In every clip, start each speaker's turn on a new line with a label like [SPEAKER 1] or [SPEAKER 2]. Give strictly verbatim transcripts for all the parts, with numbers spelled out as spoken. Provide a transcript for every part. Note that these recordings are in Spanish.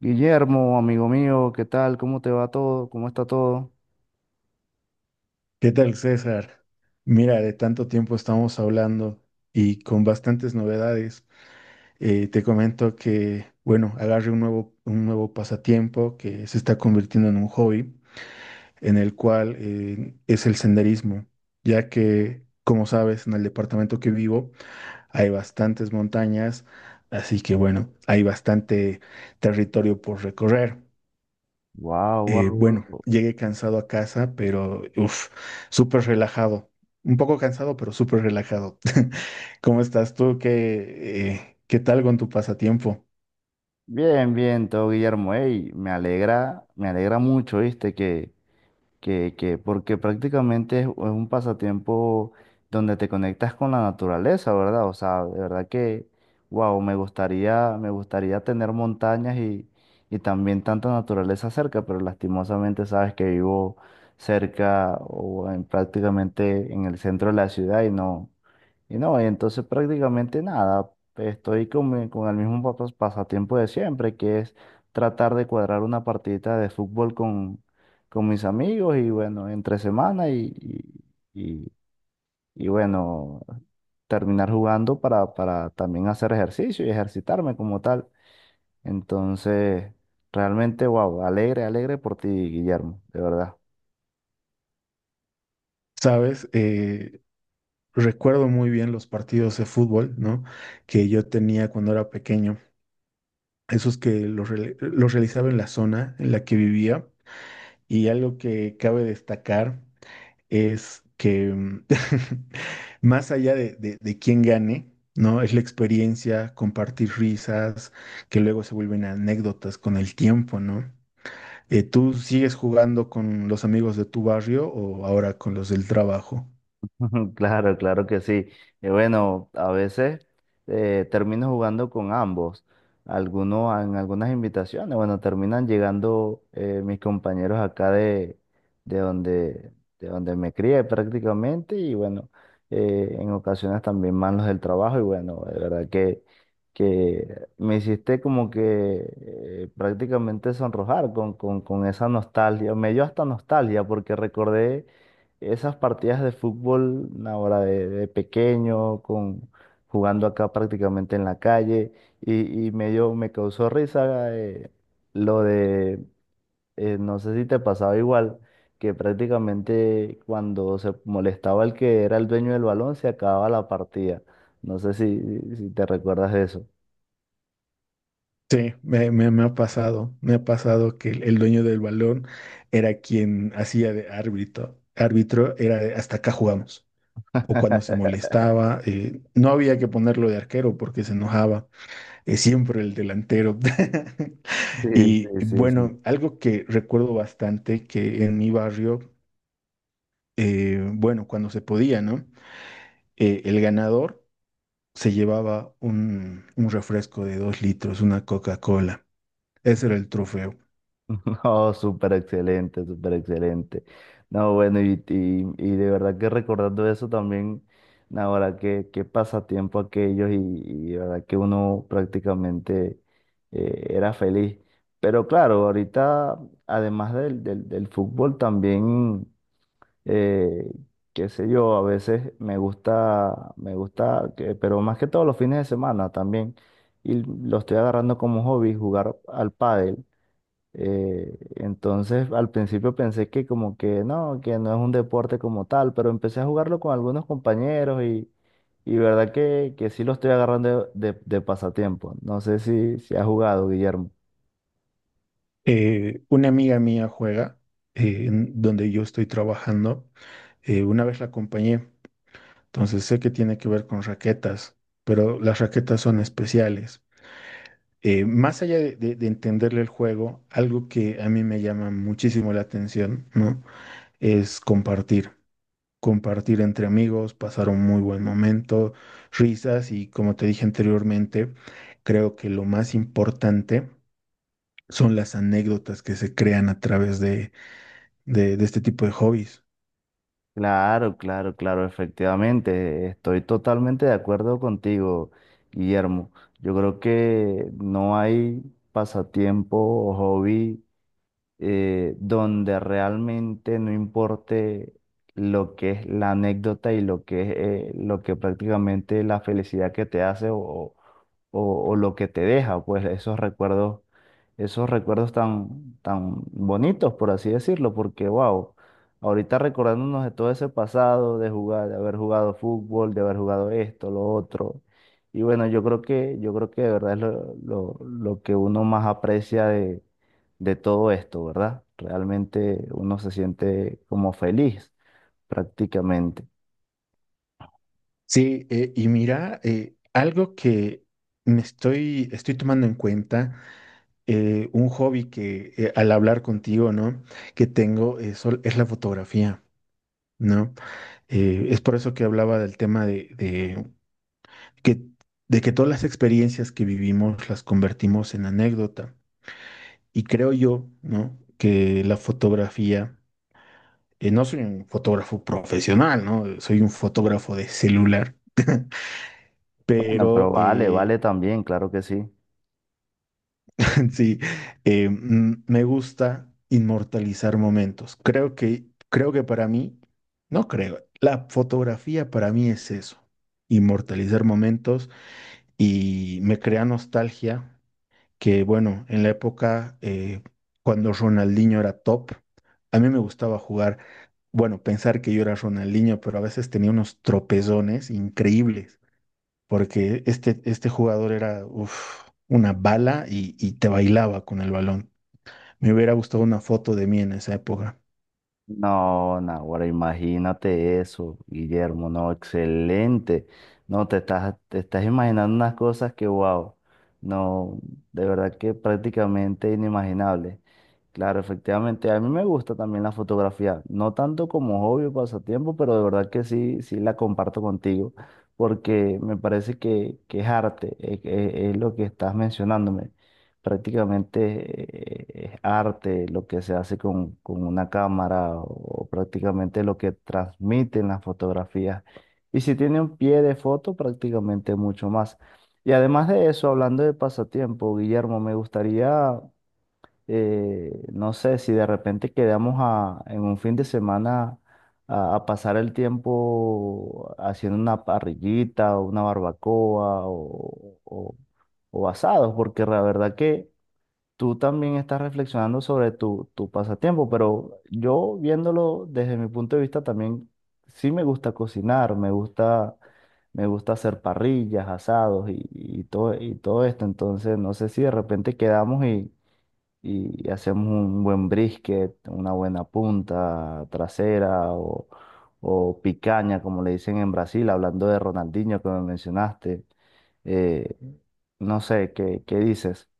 [SPEAKER 1] Guillermo, amigo mío, ¿qué tal? ¿Cómo te va todo? ¿Cómo está todo?
[SPEAKER 2] ¿Qué tal, César? Mira, de tanto tiempo estamos hablando y con bastantes novedades. Eh, te comento que, bueno, agarré un nuevo, un nuevo pasatiempo que se está convirtiendo en un hobby, en el cual eh, es el senderismo, ya que, como sabes, en el departamento que vivo hay bastantes montañas, así que, bueno, hay bastante territorio por recorrer.
[SPEAKER 1] Wow,
[SPEAKER 2] Eh,
[SPEAKER 1] wow,
[SPEAKER 2] bueno,
[SPEAKER 1] wow.
[SPEAKER 2] llegué cansado a casa, pero uff, súper relajado. Un poco cansado, pero súper relajado. ¿Cómo estás tú? ¿Qué, eh, Qué tal con tu pasatiempo?
[SPEAKER 1] Bien, bien, todo, Guillermo. Ey, me alegra, me alegra mucho, ¿viste? Que, que, que, porque prácticamente es, es un pasatiempo donde te conectas con la naturaleza, ¿verdad? O sea, de verdad que, wow, me gustaría, me gustaría tener montañas y, y también tanta naturaleza cerca, pero lastimosamente sabes que vivo cerca o en, prácticamente en el centro de la ciudad y no. Y no, y entonces prácticamente nada, estoy con, mi- con el mismo pas- pasatiempo de siempre, que es tratar de cuadrar una partidita de fútbol con, con mis amigos y bueno, entre semana y, y, y- y, bueno, terminar jugando para, para también hacer ejercicio y ejercitarme como tal. Entonces, realmente, wow, alegre, alegre por ti, Guillermo, de verdad.
[SPEAKER 2] Sabes, eh, recuerdo muy bien los partidos de fútbol, ¿no? Que yo tenía cuando era pequeño. Esos que los, reali- los realizaba en la zona en la que vivía. Y algo que cabe destacar es que mm, más allá de, de, de quién gane, ¿no? Es la experiencia, compartir risas, que luego se vuelven anécdotas con el tiempo, ¿no? Eh, ¿tú sigues jugando con los amigos de tu barrio o ahora con los del trabajo?
[SPEAKER 1] Claro, claro que sí. Eh, bueno, a veces eh, termino jugando con ambos. Algunos, en algunas invitaciones, bueno, terminan llegando eh, mis compañeros acá de, de donde, de donde me crié prácticamente y bueno, eh, en ocasiones también manos del trabajo y bueno, de verdad que, que me hiciste como que eh, prácticamente sonrojar con, con, con esa nostalgia. Me dio hasta nostalgia porque recordé esas partidas de fútbol ahora de, de pequeño, con, jugando acá prácticamente en la calle, y, y me dio- me causó risa eh, lo de, eh, no sé si te pasaba igual, que prácticamente cuando se molestaba el que era el dueño del balón, se acababa la partida. No sé si, si te recuerdas de eso.
[SPEAKER 2] Sí, me, me- me ha pasado, me ha pasado que el, el dueño del balón era quien hacía de árbitro, árbitro era de, hasta acá jugamos. O cuando se molestaba, eh, no había que ponerlo de arquero porque se enojaba. Es siempre el delantero.
[SPEAKER 1] Sí,
[SPEAKER 2] Y
[SPEAKER 1] sí, sí, sí.
[SPEAKER 2] bueno, algo que recuerdo bastante que en mi barrio, eh, bueno, cuando se podía, ¿no? Eh, el ganador se llevaba un, un refresco de dos litros, una Coca-Cola. Ese era el trofeo.
[SPEAKER 1] No, súper excelente, súper excelente. No, bueno, y, y, y de verdad que recordando eso también, ahora qué, qué pasatiempo aquellos y, y de verdad que uno prácticamente eh, era feliz. Pero claro, ahorita, además del, del, del fútbol, también, eh, qué sé yo, a veces me gusta, me gusta, que- pero más que todo los fines de semana también, y lo estoy agarrando como hobby, jugar al pádel. Eh, entonces, al principio pensé que como que no, que no es un deporte como tal, pero empecé a jugarlo con algunos compañeros y, y verdad que, que sí lo estoy agarrando de, de- de pasatiempo. No sé si, si has jugado, Guillermo.
[SPEAKER 2] Eh, una amiga mía juega, eh, en donde yo estoy trabajando. Eh, una vez la acompañé, entonces sé que tiene que ver con raquetas, pero las raquetas son especiales. Eh, más allá de, de- de entenderle el juego, algo que a mí me llama muchísimo la atención, ¿no? Es compartir, compartir entre amigos, pasar un muy buen momento, risas y como te dije anteriormente, creo que lo más importante son las anécdotas que se crean a través de, de- de este tipo de hobbies.
[SPEAKER 1] Claro, claro, claro, efectivamente, estoy totalmente de acuerdo contigo, Guillermo. Yo creo que no hay pasatiempo o hobby, eh, donde realmente no importe lo que es la anécdota y lo que es eh, lo que prácticamente la felicidad que te hace o, o, o lo que te deja, pues esos recuerdos, esos recuerdos tan, tan bonitos, por así decirlo, porque wow, ahorita recordándonos de todo ese pasado, de jugar, de haber jugado fútbol, de haber jugado esto, lo otro. Y bueno, yo creo que, yo creo que de verdad es lo, lo, lo que uno más aprecia de, de todo esto, ¿verdad? Realmente uno se siente como feliz prácticamente.
[SPEAKER 2] Sí, eh, y mira, eh, algo que me estoy, estoy tomando en cuenta. Eh, un hobby que eh, al hablar contigo, ¿no? Que tengo eh, sol- es la fotografía, ¿no? Eh, es por eso que hablaba del tema de, de que, de que todas las experiencias que vivimos las convertimos en anécdota. Y creo yo, ¿no? Que la fotografía, eh, no soy un fotógrafo profesional, ¿no? Soy un fotógrafo de celular,
[SPEAKER 1] Bueno, pero
[SPEAKER 2] pero
[SPEAKER 1] vale,
[SPEAKER 2] eh,
[SPEAKER 1] vale también, claro que sí.
[SPEAKER 2] sí, eh, mm, me gusta inmortalizar momentos. Creo que, creo que para mí, no creo, la fotografía para mí es eso, inmortalizar momentos y me crea nostalgia que, bueno, en la época eh, cuando Ronaldinho era top, a mí me gustaba jugar, bueno, pensar que yo era Ronaldinho, pero a veces tenía unos tropezones increíbles porque este, este jugador era uf, una bala y, y te bailaba con el balón. Me hubiera gustado una foto de mí en esa época.
[SPEAKER 1] No, ahora imagínate eso, Guillermo, no, excelente. No, te estás, te estás imaginando unas cosas que, wow, no, de verdad que prácticamente inimaginable. Claro, efectivamente, a mí me gusta también la fotografía, no tanto como hobby o pasatiempo, pero de verdad que sí, sí la comparto contigo, porque me parece que, que es arte, es, es- es lo que estás mencionándome prácticamente. Eh, es arte lo que se hace con, con una cámara o, prácticamente lo que transmiten las fotografías. Y si tiene un pie de foto, prácticamente mucho más. Y además de eso, hablando de pasatiempo, Guillermo, me gustaría, eh, no sé, si de repente quedamos a- en un fin de semana a, a pasar el tiempo haciendo una parrillita o una barbacoa o, o- o asados, porque la verdad que tú también estás reflexionando sobre tu, tu pasatiempo, pero yo viéndolo desde mi punto de vista también, sí me gusta cocinar, me gusta, me gusta hacer parrillas, asados y, y todo, y todo esto. Entonces, no sé si de repente quedamos y, y hacemos un buen brisket, una buena punta trasera o, o picaña, como le dicen en Brasil, hablando de Ronaldinho que me mencionaste. Eh, no sé, ¿qué, qué dices?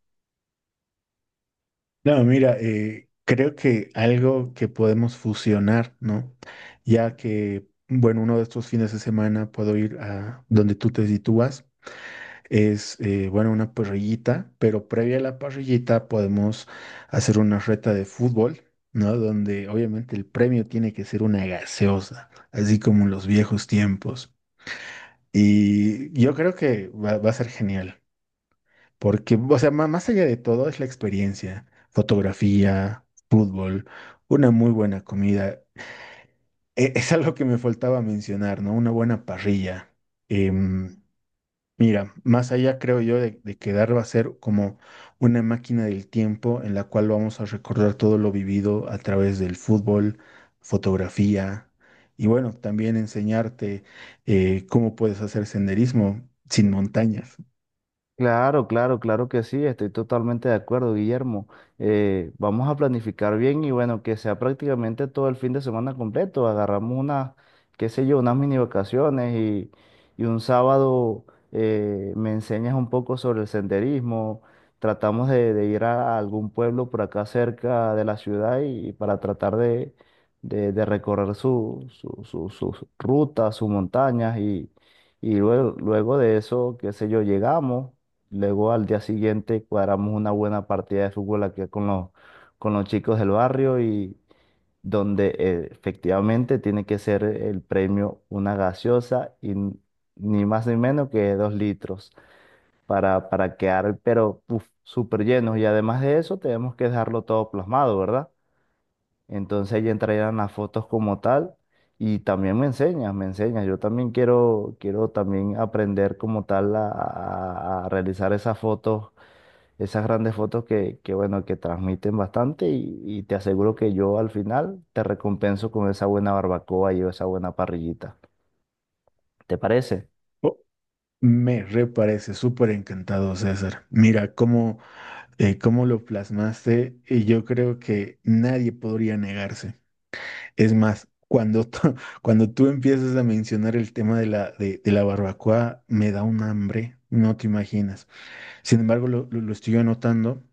[SPEAKER 2] No, mira, eh, creo que algo que podemos fusionar, ¿no? Ya que, bueno, uno de estos fines de semana puedo ir a donde tú te sitúas, es, eh, bueno, una parrillita, pero previa a la parrillita podemos hacer una reta de fútbol, ¿no? Donde obviamente el premio tiene que ser una gaseosa así como en los viejos tiempos. Y yo creo que va, va a ser genial, porque, o sea, ma- más allá de todo es la experiencia, fotografía, fútbol, una muy buena comida. E- Es algo que me faltaba mencionar, ¿no? Una buena parrilla. em, Mira, más allá creo yo de, de quedar va a ser como una máquina del tiempo en la cual vamos a recordar todo lo vivido a través del fútbol, fotografía y bueno, también enseñarte eh, cómo puedes hacer senderismo sin montañas.
[SPEAKER 1] Claro, claro, claro que sí, estoy totalmente de acuerdo, Guillermo. Eh, vamos a planificar bien y bueno, que sea prácticamente todo el fin de semana completo. Agarramos unas, qué sé yo, unas mini vacaciones y, y un sábado eh, me enseñas un poco sobre el senderismo. Tratamos de, de ir a algún pueblo por acá cerca de la ciudad y, para tratar de, de- de recorrer su, su- su- sus rutas, sus montañas y, y luego, luego de eso, qué sé yo, llegamos. Luego al día siguiente cuadramos una buena partida de fútbol aquí con los, con los chicos del barrio y donde eh, efectivamente tiene que ser el premio una gaseosa y n- ni más ni menos que dos litros para, para quedar, pero uf, súper llenos. Y además de eso tenemos que dejarlo todo plasmado, ¿verdad? Entonces ahí entrarían las fotos como tal y también me enseñas, me enseñas. Yo también quiero, quiero también aprender como tal a, a a realizar esas fotos, esas grandes fotos que, que, bueno, que transmiten bastante y, y te aseguro que yo al final te recompenso con esa buena barbacoa y esa buena parrillita. ¿Te parece?
[SPEAKER 2] Oh, me reparece súper encantado, César. Mira cómo, eh, cómo lo plasmaste y yo creo que nadie podría negarse. Es más, cuando, tú- cuando tú empiezas a mencionar el tema de la, de, de la barbacoa, me da un hambre, no te imaginas. Sin embargo, lo, lo- lo estoy anotando,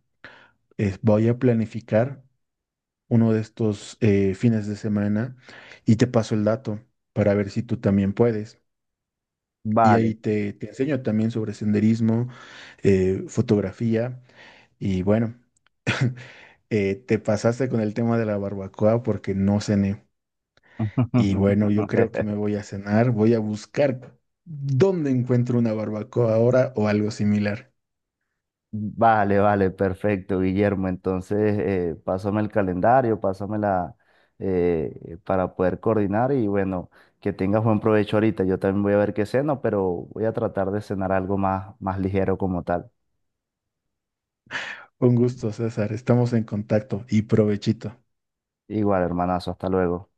[SPEAKER 2] es, voy a planificar uno de estos eh, fines de semana y te paso el dato para ver si tú también puedes. Y
[SPEAKER 1] Vale.
[SPEAKER 2] ahí te, te enseño también sobre senderismo, eh, fotografía y bueno, eh, te pasaste con el tema de la barbacoa porque no cené. Y bueno, yo creo que me voy a cenar, voy a buscar dónde encuentro una barbacoa ahora o algo similar.
[SPEAKER 1] Vale, vale, perfecto, Guillermo. Entonces, eh, pásame el calendario, pásame la, eh, para poder coordinar y bueno, que tengas buen provecho ahorita. Yo también voy a ver qué ceno, pero voy a tratar de cenar algo más, más ligero como tal.
[SPEAKER 2] Un gusto, César, estamos en contacto y provechito.
[SPEAKER 1] Igual, hermanazo, hasta luego.